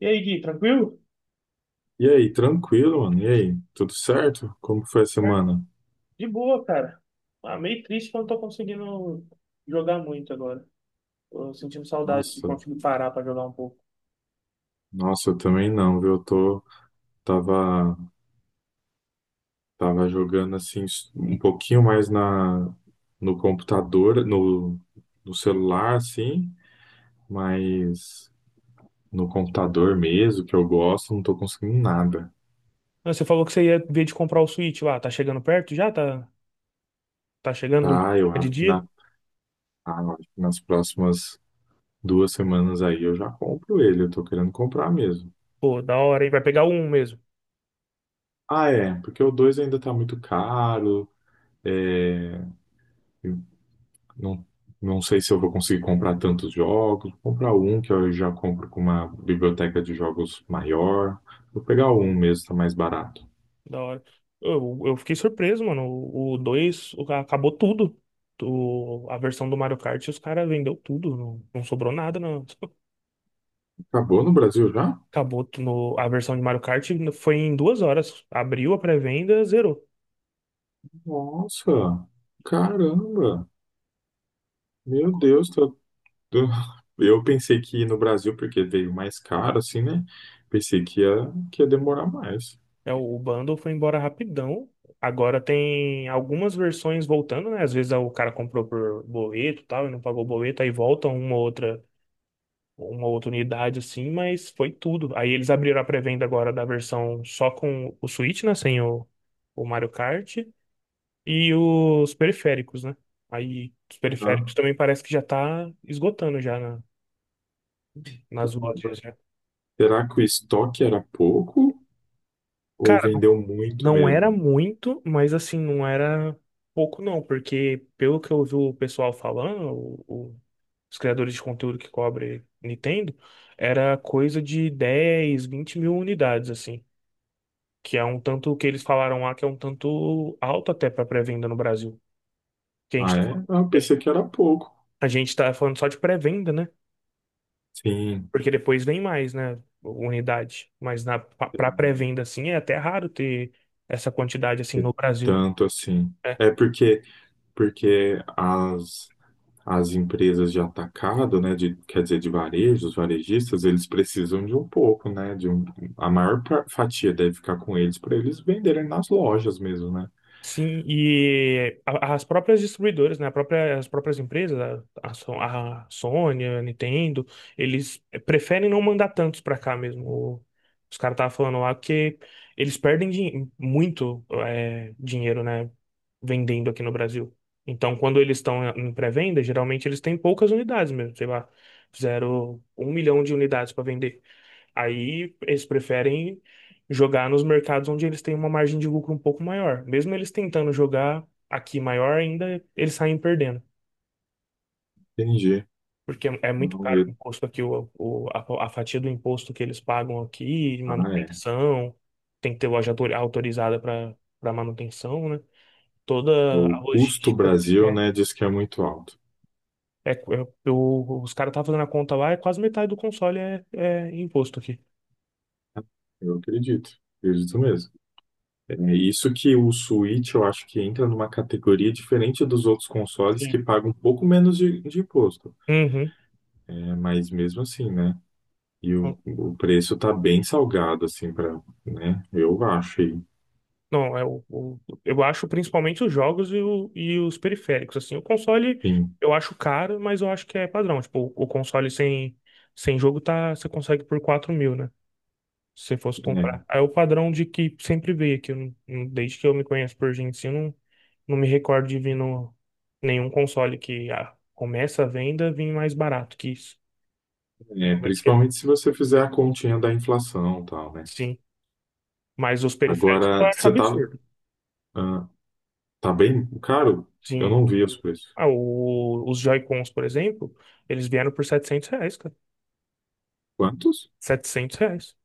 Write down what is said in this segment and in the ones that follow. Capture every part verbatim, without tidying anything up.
E aí, Gui, tranquilo? E aí, tranquilo, mano? E aí, tudo certo? Como foi a É, semana? de boa, cara. Ah, meio triste que eu não tô conseguindo jogar muito agora. Tô sentindo saudade de Nossa, conseguir parar pra jogar um pouco. nossa, eu também não, viu? Eu tô, tava, tava jogando assim um pouquinho mais na, no computador, no, no celular, assim, mas no computador mesmo, que eu gosto, não tô conseguindo nada. Não, você falou que você ia ver de comprar o Switch lá. Tá chegando perto já? Tá, tá chegando no dia Tá, eu de acho que dia? na, ah, eu acho que nas próximas duas semanas aí eu já compro ele, eu tô querendo comprar mesmo. Pô, da hora, hein? Vai pegar um mesmo. Ah, é, porque o dois ainda tá muito caro. É, Não, não sei se eu vou conseguir comprar tantos jogos. Vou comprar um que eu já compro com uma biblioteca de jogos maior. Vou pegar um mesmo, tá mais barato. Da hora. Eu, eu fiquei surpreso, mano. O dois acabou tudo. O- a versão do Mario Kart, os caras vendeu tudo. Não, não sobrou nada, não. Acabou no Brasil já? Acabou no, a versão de Mario Kart foi em duas horas. Abriu a pré-venda, zerou. Nossa, caramba. Meu Deus, tô- tô- eu pensei que ia no Brasil, porque veio mais caro, assim, né? Pensei que ia, que ia demorar mais. É, o o bundle foi embora rapidão. Agora tem algumas versões voltando, né? Às vezes o cara comprou por boleto e tal, e não pagou o boleto, aí volta uma outra, uma outra unidade assim, mas foi tudo. Aí eles abriram a pré-venda agora da versão só com o Switch, né? Sem o, o Mario Kart e os periféricos, né? Aí os Ah, periféricos também parece que já tá esgotando já na- nas lojas, caramba. né? Será que o estoque era pouco ou Cara, vendeu muito não era mesmo? muito, mas assim, não era pouco não, porque pelo que eu vi o pessoal falando, o- o- os criadores de conteúdo que cobre Nintendo, era coisa de dez vinte mil unidades, assim. Que é um tanto que eles falaram lá que é um tanto alto até para pré-venda no Brasil. Que a Ah, gente, é? Ah, eu pensei que era pouco. a gente tá falando só de pré-venda, né? Sim. Porque depois vem mais, né? Unidade. Mas na, pra É. pra pré-venda, assim, é até raro ter essa quantidade assim E no Brasil, Tanto assim. né? É porque, porque as, as empresas de atacado, né, de, quer dizer, de varejo, os varejistas, eles precisam de um pouco, né, de um, a maior pa- fatia deve ficar com eles para eles venderem nas lojas mesmo, né? Sim, e a- as próprias distribuidoras, né, a própria, as próprias empresas, a, a So- a Sony, a Nintendo, eles preferem não mandar tantos pra cá mesmo. O- Os caras estavam falando lá que eles perdem din- muito é, dinheiro, né, vendendo aqui no Brasil. Então, quando eles estão em pré-venda, geralmente eles têm poucas unidades mesmo, sei lá, fizeram um milhão de unidades para vender. Aí eles preferem jogar nos mercados onde eles têm uma margem de lucro um pouco maior. Mesmo eles tentando jogar aqui maior, ainda eles saem perdendo. Entendi. Porque é é muito Não, caro o eu- imposto aqui, o, o- a, a fatia do imposto que eles pagam aqui, ah, é. manutenção, tem que ter loja autor- autorizada para para manutenção, né? É, Toda a o custo logística. Brasil, É, né, diz que é muito alto. É, é- o- os caras estavam fazendo a conta lá, é quase metade do console é, é imposto aqui. Eu acredito. Acredito mesmo. É isso que o Switch eu acho que entra numa categoria diferente dos outros consoles que Sim. pagam um pouco menos de de imposto. Uhum. É, mas mesmo assim, né? E o, o preço tá bem salgado, assim, para, né? Eu acho. E, Não, eu o, eu acho principalmente os jogos e, o- e os periféricos, assim, o console enfim, eu acho caro, mas eu acho que é padrão, tipo, o, console sem, sem jogo tá, você consegue por quatro mil, né, se você fosse comprar. Aí o padrão de que sempre veio, que eu não- não- desde que eu me conheço por gente, assim, eu não, não me recordo de vir no, nenhum console que ah, começa a venda vir mais barato que isso. é, é, Realmente, principalmente se você fizer a continha da inflação e tal, né? sim, mas os periféricos eu Agora, acho você tá, absurdo. ah, tá bem caro? Eu Sim, não vi os preços. Ah, o- os Joy-Cons, por exemplo, eles vieram por setecentos reais, cara. Quantos? setecentos reais.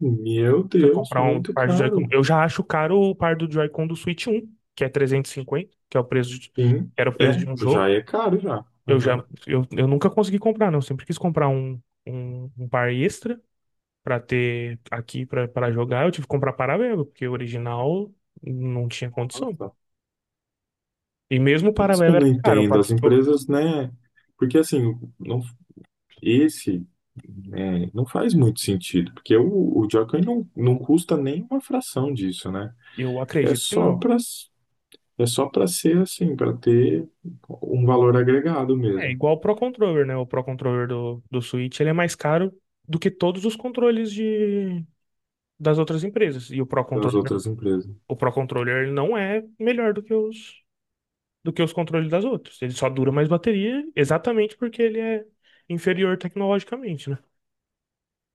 Meu Você Deus, comprar um muito par de Joy-Con. caro. Eu já acho caro o par do Joy-Con do Switch um, que é trezentos e cinquenta, que é o preço de, que Sim, era o preço de é, um já jogo. é caro já. Eu já, Aham. eu, eu nunca consegui comprar, não. Eu sempre quis comprar um, um, um par extra pra ter aqui pra para jogar. Eu tive que comprar paralelo, porque o original não tinha condição. Nossa, E mesmo o é isso que paralelo eu era não caro. Eu, entendo. As paguei- eu empresas, né? Porque assim, não, esse. É, não faz muito sentido, porque o, o Joker não, não custa nem uma fração disso, né? eu É acredito que só não. para É só para ser assim, para ter um valor agregado É mesmo igual o Pro Controller, né? O Pro Controller do, do Switch, ele é mais caro do que todos os controles de, das outras empresas. E o Pro das Controller, outras empresas. o Pro Controller ele não é melhor do que os, do que os controles das outras. Ele só dura mais bateria exatamente porque ele é inferior tecnologicamente, né?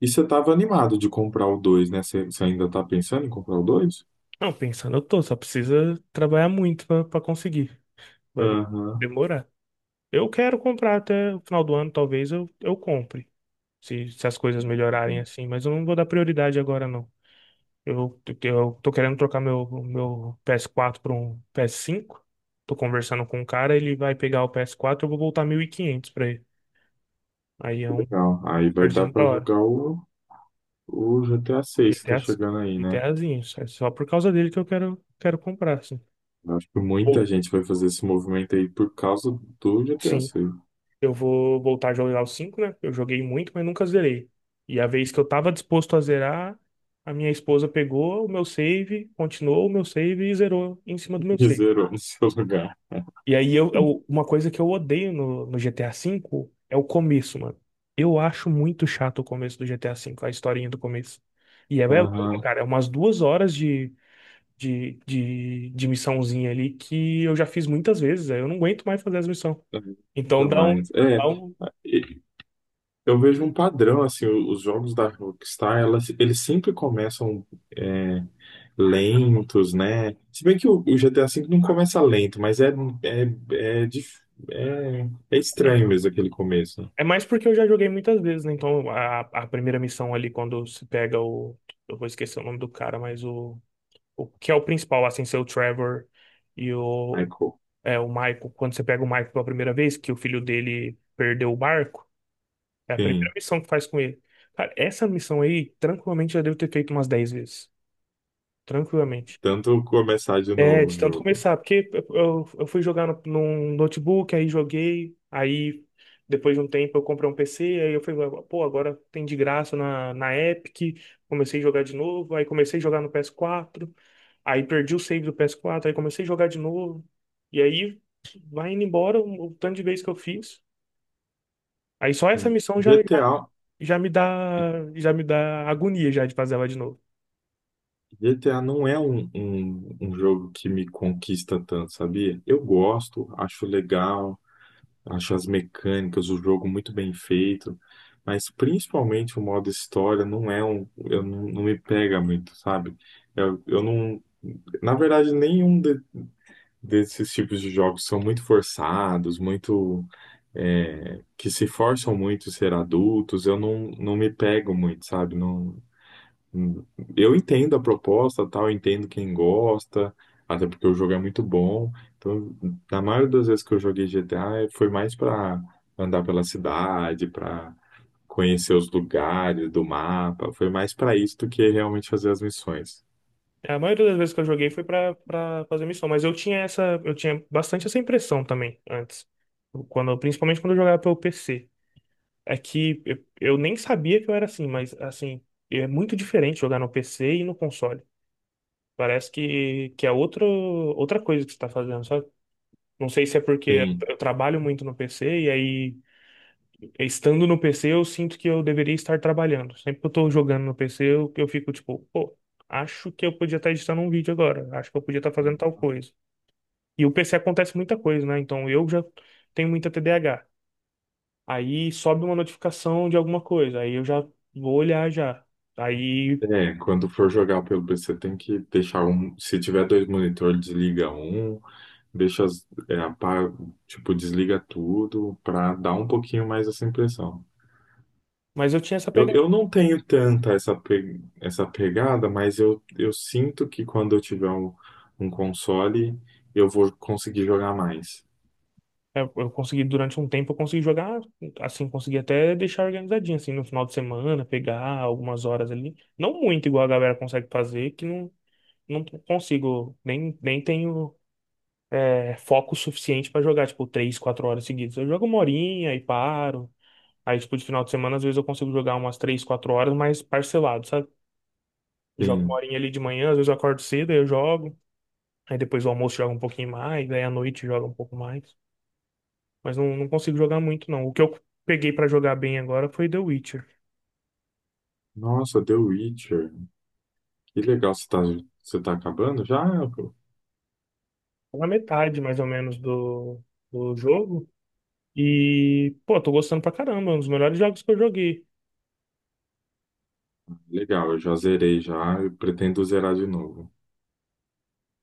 E você estava animado de comprar o dois, né? Você, você ainda está pensando em comprar o dois? Não, pensando, eu tô, só precisa trabalhar muito pra pra conseguir. Vai de- Aham, demorar. Eu quero comprar até o final do ano, talvez eu, eu compre. Se, se as coisas melhorarem assim, mas eu não vou dar prioridade agora, não. Eu, eu tô querendo trocar meu, meu P S quatro para um P S cinco. Tô conversando com um cara, ele vai pegar o P S quatro, eu vou voltar mil e quinhentos pra ele. Aí é que um legal. Aí vai dar valorzinho da para hora. jogar o, o GTA seis que tá G T A, sim. chegando aí, né? GTAzinho. É só por causa dele que eu quero, quero comprar, assim. Eu acho que Ou- muita gente vai fazer esse movimento aí por causa do GTA Sim, seis eu vou voltar a jogar o cinco, né? Eu joguei muito, mas nunca zerei. E a vez que eu tava disposto a zerar, a minha esposa pegou o meu save, continuou o meu save e zerou em cima do meu E save. zerou no seu lugar. E aí, eu, eu- uma coisa que eu odeio no, no G T A cinco é o começo, mano. Eu acho muito chato o começo do G T A cinco, a historinha do começo. E é, é longa, Aham. cara, é umas duas horas de, de, de, de missãozinha ali que eu já fiz muitas vezes, aí eu não aguento mais fazer as missões. Então dá um, Mas, é, dá um- e- eu vejo um padrão, assim, o- os jogos da Rockstar, elas, eles sempre começam é, lentos, né? Se bem que o, o G T A V não começa lento, mas é, é, é, dif- é, é é, estranho mesmo aquele começo, né? é mais porque eu já joguei muitas vezes, né? Então a, a primeira missão ali, quando se pega o. Eu vou esquecer o nome do cara, mas o, o que é o principal, assim, ser o Trevor e o. Michael. É, o Maico, quando você pega o Maico pela primeira vez, que o filho dele perdeu o barco, é a primeira Sim, missão que faz com ele. Cara, essa missão aí, tranquilamente, já devo ter feito umas dez vezes. Tranquilamente. tanto começar de É, novo o de tanto jogo. começar, porque eu, eu fui jogar no, num notebook, aí joguei, aí depois de um tempo eu comprei um P C, aí eu falei, pô, agora tem de graça na, na Epic, comecei a jogar de novo, aí comecei a jogar no P S quatro, aí perdi o save do P S quatro, aí comecei a jogar de novo, e aí vai indo embora o, o tanto de vezes que eu fiz. Aí só essa Sim. missão já, me- GTA, já me dá, já me dá agonia já de fazer ela de novo. G T A não é um, um, um jogo que me conquista tanto, sabia? Eu gosto, acho legal, acho as mecânicas, o jogo muito bem feito, mas principalmente o modo história não é um, eu não, não me pega muito, sabe? Eu, eu não, na verdade, nenhum de- desses tipos de jogos são muito forçados, muito é, que se forçam muito a ser adultos. Eu não, não me pego muito, sabe? Não, eu entendo a proposta, tal, eu entendo quem gosta, até porque o jogo é muito bom. Então, na maioria das vezes que eu joguei G T A, foi mais para andar pela cidade, para conhecer os lugares do mapa, foi mais para isso do que realmente fazer as missões. É, a maioria das vezes que eu joguei foi pra, pra fazer missão, mas eu tinha essa, eu tinha bastante essa impressão também antes. Quando, principalmente quando eu jogava pelo P C. É que eu, eu nem sabia que eu era assim, mas assim, é muito diferente jogar no P C e no console. Parece que, que é outro, outra coisa que você tá fazendo, sabe? Não sei se é porque Sim. eu trabalho muito no P C e aí é, estando no P C, eu sinto que eu deveria estar trabalhando. Sempre que eu tô jogando no P C, eu, eu fico tipo, pô, acho que eu podia estar editando um vídeo agora, acho que eu podia estar fazendo tal coisa. E o P C acontece muita coisa, né? Então eu já tenho muita T D A agá. Aí sobe uma notificação de alguma coisa, aí eu já vou olhar já. Aí, É, quando for jogar pelo P C, tem que deixar um. Se tiver dois monitores, desliga um, deixa, as- é, apaga, tipo, desliga tudo, para dar um pouquinho mais essa impressão. mas eu tinha essa Eu, pegada. eu não tenho tanta essa, pe- essa pegada, mas eu, eu sinto que quando eu tiver um, um console, eu vou conseguir jogar mais. Eu, eu consegui, durante um tempo, eu consegui jogar, assim, consegui até deixar organizadinho, assim, no final de semana, pegar algumas horas ali. Não muito igual a galera consegue fazer, que não não consigo, nem, nem tenho é, foco suficiente pra jogar, tipo, três, quatro horas seguidas. Eu jogo uma horinha e paro. Aí, tipo, de final de semana, às vezes eu consigo jogar umas três, quatro horas, mas parcelado, sabe? Jogo uma Sim. horinha ali de manhã, às vezes eu acordo cedo, aí eu jogo. Aí depois do almoço joga um pouquinho mais, aí à noite joga um pouco mais. Mas não, não consigo jogar muito, não. O que eu peguei pra jogar bem agora foi The Witcher. Nossa, The Witcher. Que legal, você tá, você tá acabando já? Tá na metade, mais ou menos, do, do jogo. E, pô, tô gostando pra caramba, é um dos melhores jogos que eu joguei. Legal, eu já zerei já, eu pretendo zerar de novo.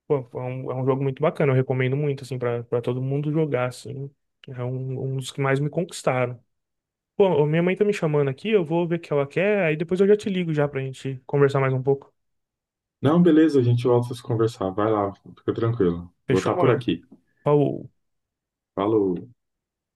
Pô, é um, é um jogo muito bacana, eu recomendo muito, assim, pra, pra todo mundo jogar, assim. É um, um dos que mais me conquistaram. Pô, ô, minha mãe tá me chamando aqui, eu vou ver o que ela quer, aí depois eu já te ligo já pra gente conversar mais um pouco. Não, beleza, a gente volta a se conversar. Vai lá, fica tranquilo. Vou Fechou, estar por mano? aqui. Ó, O Falou.